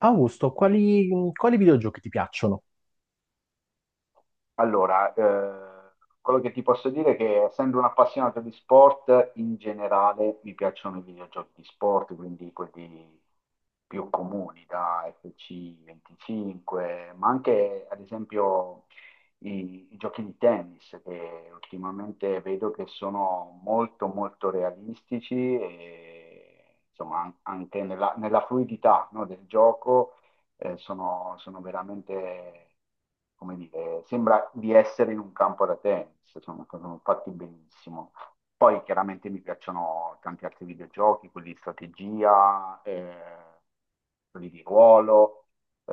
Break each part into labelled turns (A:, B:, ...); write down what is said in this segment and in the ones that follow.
A: Augusto, quali videogiochi ti piacciono?
B: Allora, quello che ti posso dire è che essendo un appassionato di sport, in generale mi piacciono i videogiochi di sport, quindi quelli più comuni, da FC25, ma anche ad esempio i giochi di tennis, che ultimamente vedo che sono molto molto realistici e insomma anche nella fluidità, no, del gioco sono veramente, come dire, sembra di essere in un campo da tennis, sono fatti benissimo. Poi chiaramente mi piacciono tanti altri videogiochi, quelli di strategia, quelli di ruolo, eh,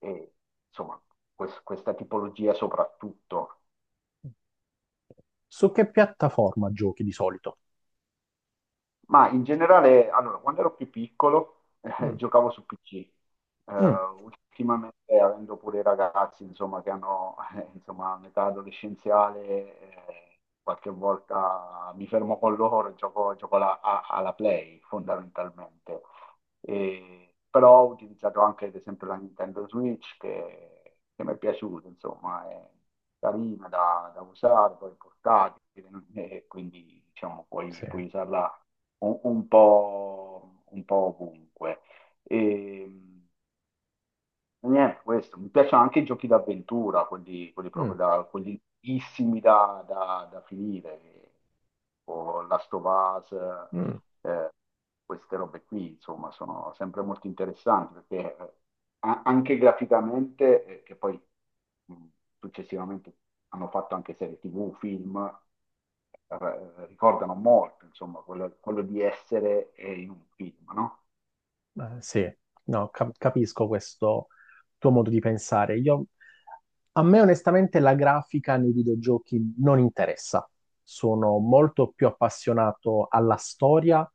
B: e insomma, questa tipologia soprattutto.
A: Su che piattaforma giochi di solito?
B: Ma in generale, allora, quando ero più piccolo,
A: Mm.
B: giocavo su PC.
A: Mm.
B: Ultimamente, avendo pure i ragazzi, insomma, che hanno, insomma, un'età adolescenziale, qualche volta mi fermo con loro e gioco alla Play, fondamentalmente. Però ho utilizzato anche ad esempio la Nintendo Switch che mi è piaciuta, insomma, è carina da usare, poi portatile, e quindi diciamo puoi,
A: Sì.
B: puoi usarla un po' ovunque. E, e niente, questo. Mi piacciono anche i giochi d'avventura, quelli
A: Mm.
B: proprio quelli lunghissimi da finire, o Last of Us,
A: Mm.
B: eh, queste robe qui, insomma, sono sempre molto interessanti, perché anche graficamente, che poi mh, successivamente hanno fatto anche serie TV, film, ricordano molto, insomma, quello di essere in un film, no?
A: Sì, no, capisco questo tuo modo di pensare. A me onestamente la grafica nei videogiochi non interessa. Sono molto più appassionato alla storia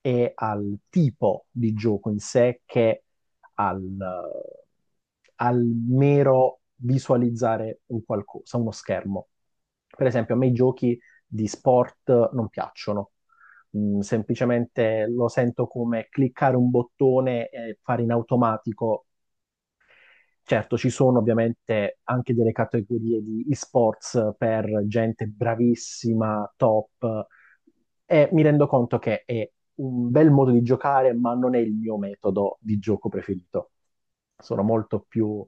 A: e al tipo di gioco in sé che al, al mero visualizzare un qualcosa, uno schermo. Per esempio, a me i giochi di sport non piacciono. Mm, semplicemente lo sento come cliccare un bottone e fare in automatico. Certo, ci sono ovviamente anche delle categorie di esports per gente bravissima, top, e mi rendo conto che è un bel modo di giocare, ma non è il mio metodo di gioco preferito. Sono molto più,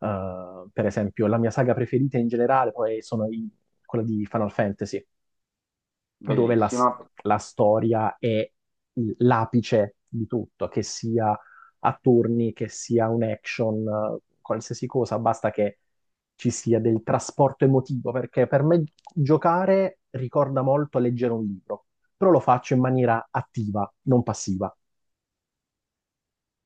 A: per esempio, la mia saga preferita in generale poi quella di Final Fantasy, dove
B: Bellissima.
A: la storia è l'apice di tutto, che sia a turni, che sia un action, qualsiasi cosa, basta che ci sia del trasporto emotivo, perché per me giocare ricorda molto leggere un libro, però lo faccio in maniera attiva, non passiva.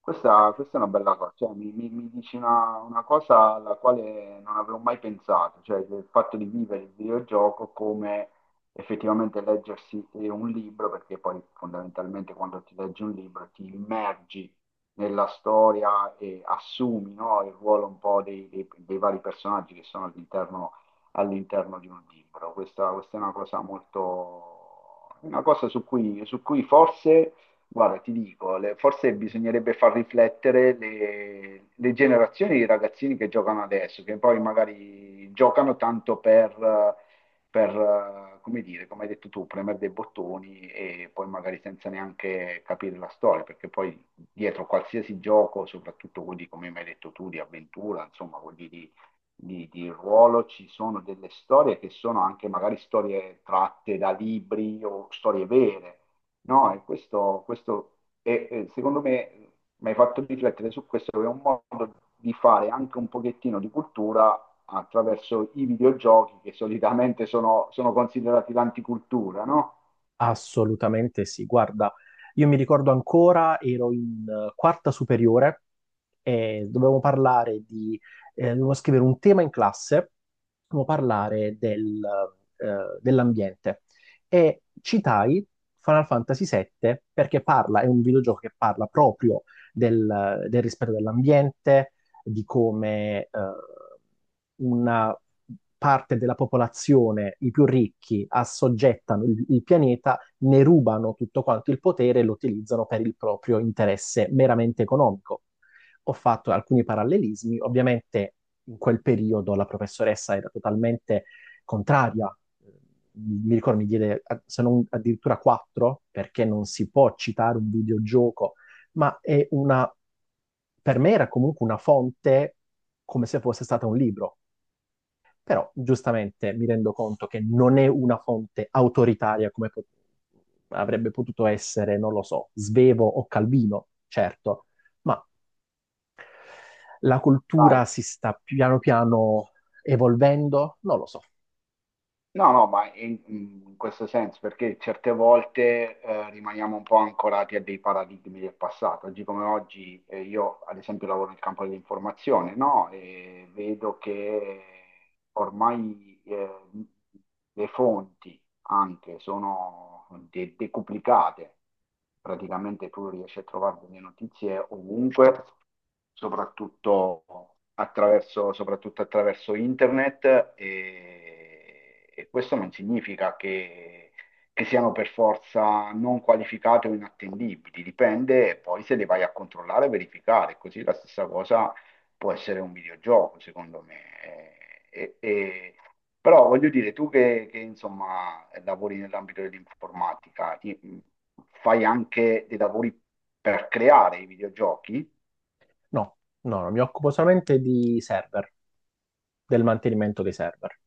B: Questa è una bella cosa, cioè, mi dici una cosa alla quale non avevo mai pensato, cioè il fatto di vivere il videogioco come effettivamente leggersi un libro, perché poi fondamentalmente quando ti leggi un libro ti immergi nella storia e assumi, no, il ruolo un po' dei vari personaggi che sono all'interno di un libro. Questa è una cosa su cui, forse. Guarda, ti dico, forse bisognerebbe far riflettere le generazioni di ragazzini che giocano adesso, che poi magari giocano tanto per, come dire, come hai detto tu, premere dei bottoni e poi magari senza neanche capire la storia, perché poi dietro qualsiasi gioco, soprattutto quelli come mi hai detto tu, di avventura, insomma, quelli di ruolo, ci sono delle storie che sono anche magari storie tratte da libri o storie vere. No, e questo secondo me mi hai fatto riflettere su questo, che è un modo di fare anche un pochettino di cultura attraverso i videogiochi che solitamente sono considerati l'anticultura, no?
A: Assolutamente sì, guarda, io mi ricordo ancora, ero in quarta superiore e dovevamo scrivere un tema in classe, dovevamo parlare del, dell'ambiente, e citai Final Fantasy VII perché è un videogioco che parla proprio del rispetto dell'ambiente, di come una parte della popolazione, i più ricchi, assoggettano il pianeta, ne rubano tutto quanto il potere e lo utilizzano per il proprio interesse meramente economico. Ho fatto alcuni parallelismi. Ovviamente in quel periodo la professoressa era totalmente contraria, mi ricordo mi diede se non addirittura 4 perché non si può citare un videogioco. Ma è per me era comunque una fonte, come se fosse stata un libro. Però giustamente mi rendo conto che non è una fonte autoritaria come avrebbe potuto essere, non lo so, Svevo o Calvino, certo, ma la cultura
B: Sai.
A: si sta piano piano evolvendo? Non lo so.
B: No, no, ma in questo senso, perché certe volte rimaniamo un po' ancorati a dei paradigmi del passato. Oggi come oggi, io ad esempio lavoro nel campo dell'informazione, no? E vedo che ormai le fonti anche sono decuplicate. Praticamente tu riesci a trovare delle notizie ovunque, soprattutto attraverso internet e questo non significa che siano per forza non qualificate o inattendibili, dipende poi se le vai a controllare e verificare, così la stessa cosa può essere un videogioco, secondo me. Però voglio dire, tu che, insomma, lavori nell'ambito dell'informatica, fai anche dei lavori per creare i videogiochi?
A: No, mi occupo solamente di server, del mantenimento dei server.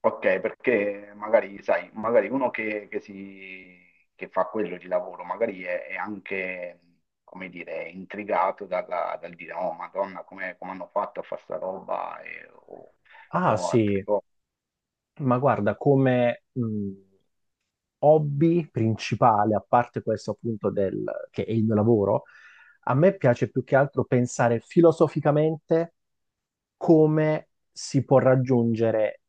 B: Ok, perché magari, sai, magari uno che fa quello di lavoro, magari è anche, come dire, intrigato dal dire, oh, Madonna, come hanno fatto a fare sta roba o
A: Ah
B: o altre
A: sì,
B: cose.
A: ma guarda, come hobby principale, a parte questo appunto che è il mio lavoro, a me piace più che altro pensare filosoficamente come si può raggiungere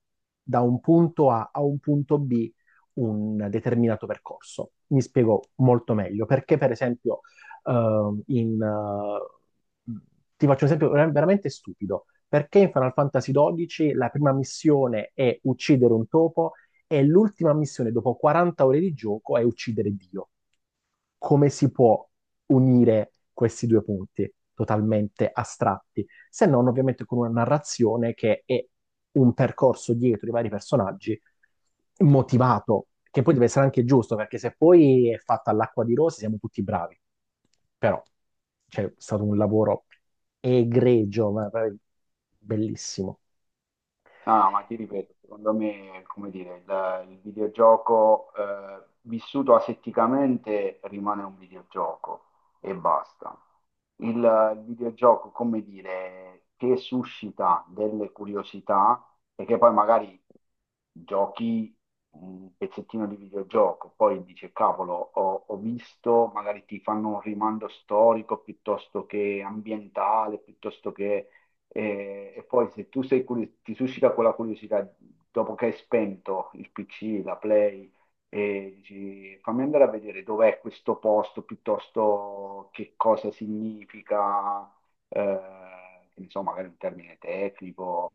A: da un punto A a un punto B un determinato percorso. Mi spiego molto meglio, perché per esempio ehm, in, eh, ti faccio un esempio veramente stupido. Perché in Final Fantasy XII la prima missione è uccidere un topo e l'ultima missione dopo 40 ore di gioco è uccidere Dio. Come si può unire questi due punti totalmente astratti? Se non, ovviamente, con una narrazione che è un percorso dietro i vari personaggi motivato, che poi deve essere anche giusto, perché se poi è fatta all'acqua di rose siamo tutti bravi. Però c'è stato un lavoro egregio, ma bellissimo.
B: No, no, ma ti ripeto, secondo me, come dire, il videogioco vissuto asetticamente rimane un videogioco e basta. Il videogioco, come dire, che suscita delle curiosità e che poi magari giochi un pezzettino di videogioco, poi dici, cavolo, ho visto, magari ti fanno un rimando storico piuttosto che ambientale, piuttosto che. E poi se tu sei ti suscita quella curiosità dopo che hai spento il PC, la Play, e dici fammi andare a vedere dov'è questo posto piuttosto che cosa significa, eh, che ne so, magari un termine tecnico.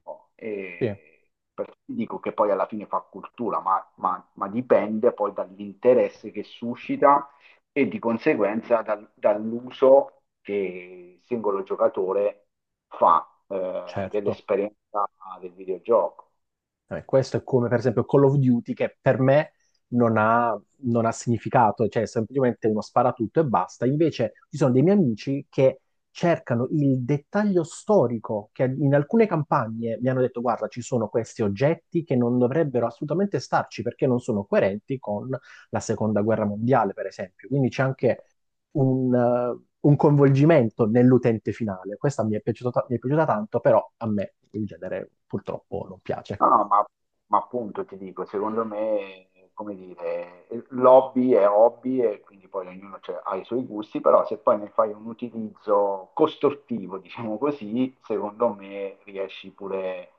A: Sì,
B: Dico che poi alla fine fa cultura, ma ma dipende poi dall'interesse che suscita e di conseguenza dall'uso che il singolo giocatore fa
A: certo.
B: dell'esperienza del videogioco.
A: Vabbè, questo è come per esempio Call of Duty, che per me non ha, non ha significato, cioè è semplicemente uno sparatutto e basta. Invece ci sono dei miei amici che cercano il dettaglio storico, che in alcune campagne mi hanno detto guarda, ci sono questi oggetti che non dovrebbero assolutamente starci perché non sono coerenti con la seconda guerra mondiale, per esempio. Quindi c'è anche un coinvolgimento nell'utente finale. Questa mi è mi è piaciuta tanto, però a me il genere purtroppo non piace.
B: No, no, ma appunto ti dico, secondo me, come dire, l'hobby è hobby e quindi poi ognuno ha i suoi gusti, però se poi ne fai un utilizzo costruttivo, diciamo così, secondo me riesci pure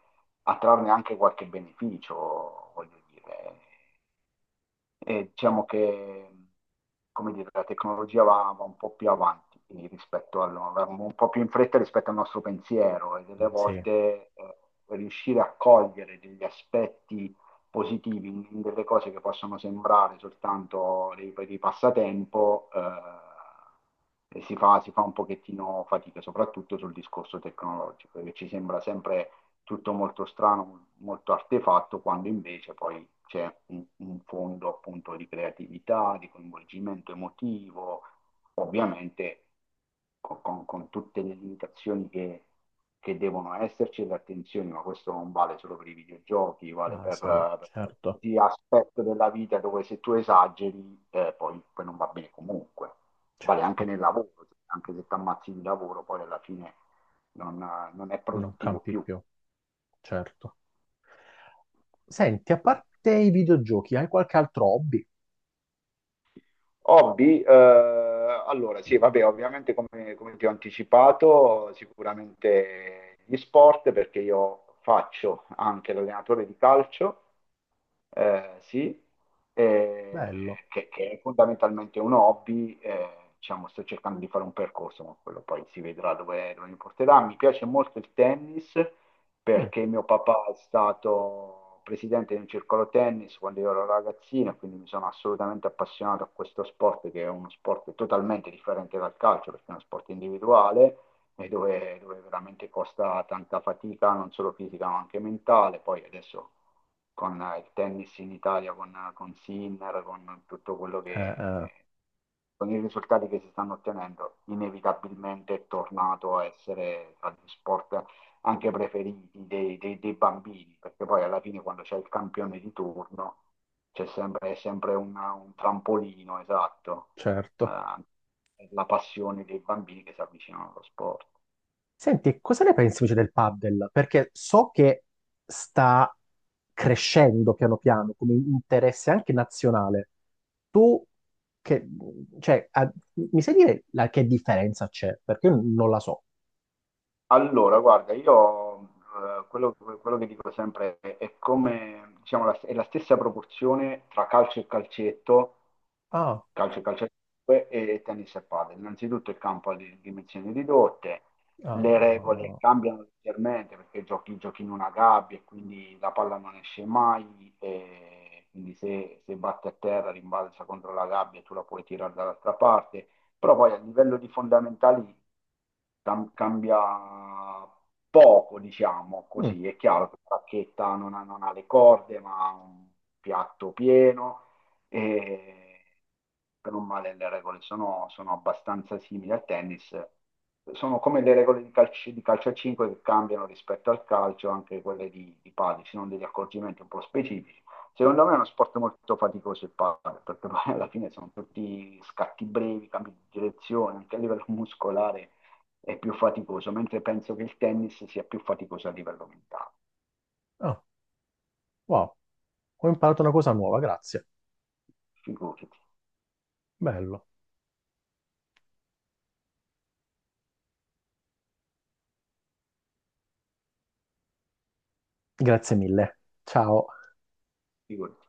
B: a trarne anche qualche beneficio, voglio dire. E diciamo che, come dire, la tecnologia va un po' più avanti rispetto al, va un po' più in fretta rispetto al nostro pensiero e delle
A: Sì,
B: volte riuscire a cogliere degli aspetti positivi in delle cose che possono sembrare soltanto dei passatempo, e si fa un pochettino fatica, soprattutto sul discorso tecnologico, che ci sembra sempre tutto molto strano, molto artefatto, quando invece poi c'è un fondo appunto di creatività, di coinvolgimento emotivo, ovviamente con tutte le limitazioni che devono esserci e le attenzioni, ma questo non vale solo per i videogiochi, vale per,
A: Asam,
B: per
A: certo,
B: qualsiasi aspetto della vita dove se tu esageri poi non va bene comunque. Vale anche
A: certo,
B: nel lavoro, anche se ti ammazzi di lavoro, poi alla fine non, non è
A: non
B: produttivo
A: campi
B: più.
A: più, certo. Senti, a parte i videogiochi, hai qualche altro hobby?
B: Hobby, allora sì, vabbè, ovviamente come ti ho anticipato, sicuramente gli sport, perché io faccio anche l'allenatore di calcio, sì, eh,
A: Bello.
B: che è fondamentalmente un hobby, diciamo, sto cercando di fare un percorso, ma quello poi si vedrà dove mi porterà. Mi piace molto il tennis,
A: Mm.
B: perché mio papà è stato presidente di un circolo tennis quando io ero ragazzino, e quindi mi sono assolutamente appassionato a questo sport, che è uno sport totalmente differente dal calcio, perché è uno sport individuale e dove veramente costa tanta fatica, non solo fisica ma anche mentale. Poi adesso con il tennis in Italia, con Sinner, con tutto quello
A: Eh,
B: che...
A: eh.
B: Con i risultati che si stanno ottenendo, inevitabilmente è tornato a essere tra gli sport anche preferiti dei bambini, perché poi alla fine quando c'è il campione di turno c'è sempre, è sempre un trampolino, esatto,
A: Certo.
B: eh, per la passione dei bambini che si avvicinano allo sport.
A: Senti, cosa ne pensi invece del paddle? Perché so che sta crescendo piano piano come interesse anche nazionale. Tu, che, cioè, mi sai dire che differenza c'è? Perché io non la so.
B: Allora, guarda, io quello che dico sempre è come, diciamo, la, è la stessa proporzione tra calcio e calcetto,
A: Ah.
B: calcio e calcetto e tennis e padel. Innanzitutto il campo ha di dimensioni ridotte, le regole
A: Ah.
B: cambiano leggermente perché giochi in una gabbia e quindi la palla non esce mai e quindi se batte a terra rimbalza contro la gabbia e tu la puoi tirare dall'altra parte, però poi a livello di fondamentali cambia poco, diciamo
A: Mm.
B: così, è chiaro che la bacchetta non ha le corde, ma ha un piatto pieno e per un male le regole sono abbastanza simili al tennis. Sono come le regole di calcio a 5 che cambiano rispetto al calcio, anche quelle di padel, ci sono degli accorgimenti un po' specifici. Secondo me è uno sport molto faticoso il padel, perché poi alla fine sono tutti scatti brevi, cambi di direzione, anche a livello muscolare è più faticoso, mentre penso che il tennis sia più faticoso a livello mentale.
A: Ah. Wow, ho imparato una cosa nuova, grazie.
B: Figurati,
A: Bello. Grazie mille. Ciao.
B: figurati.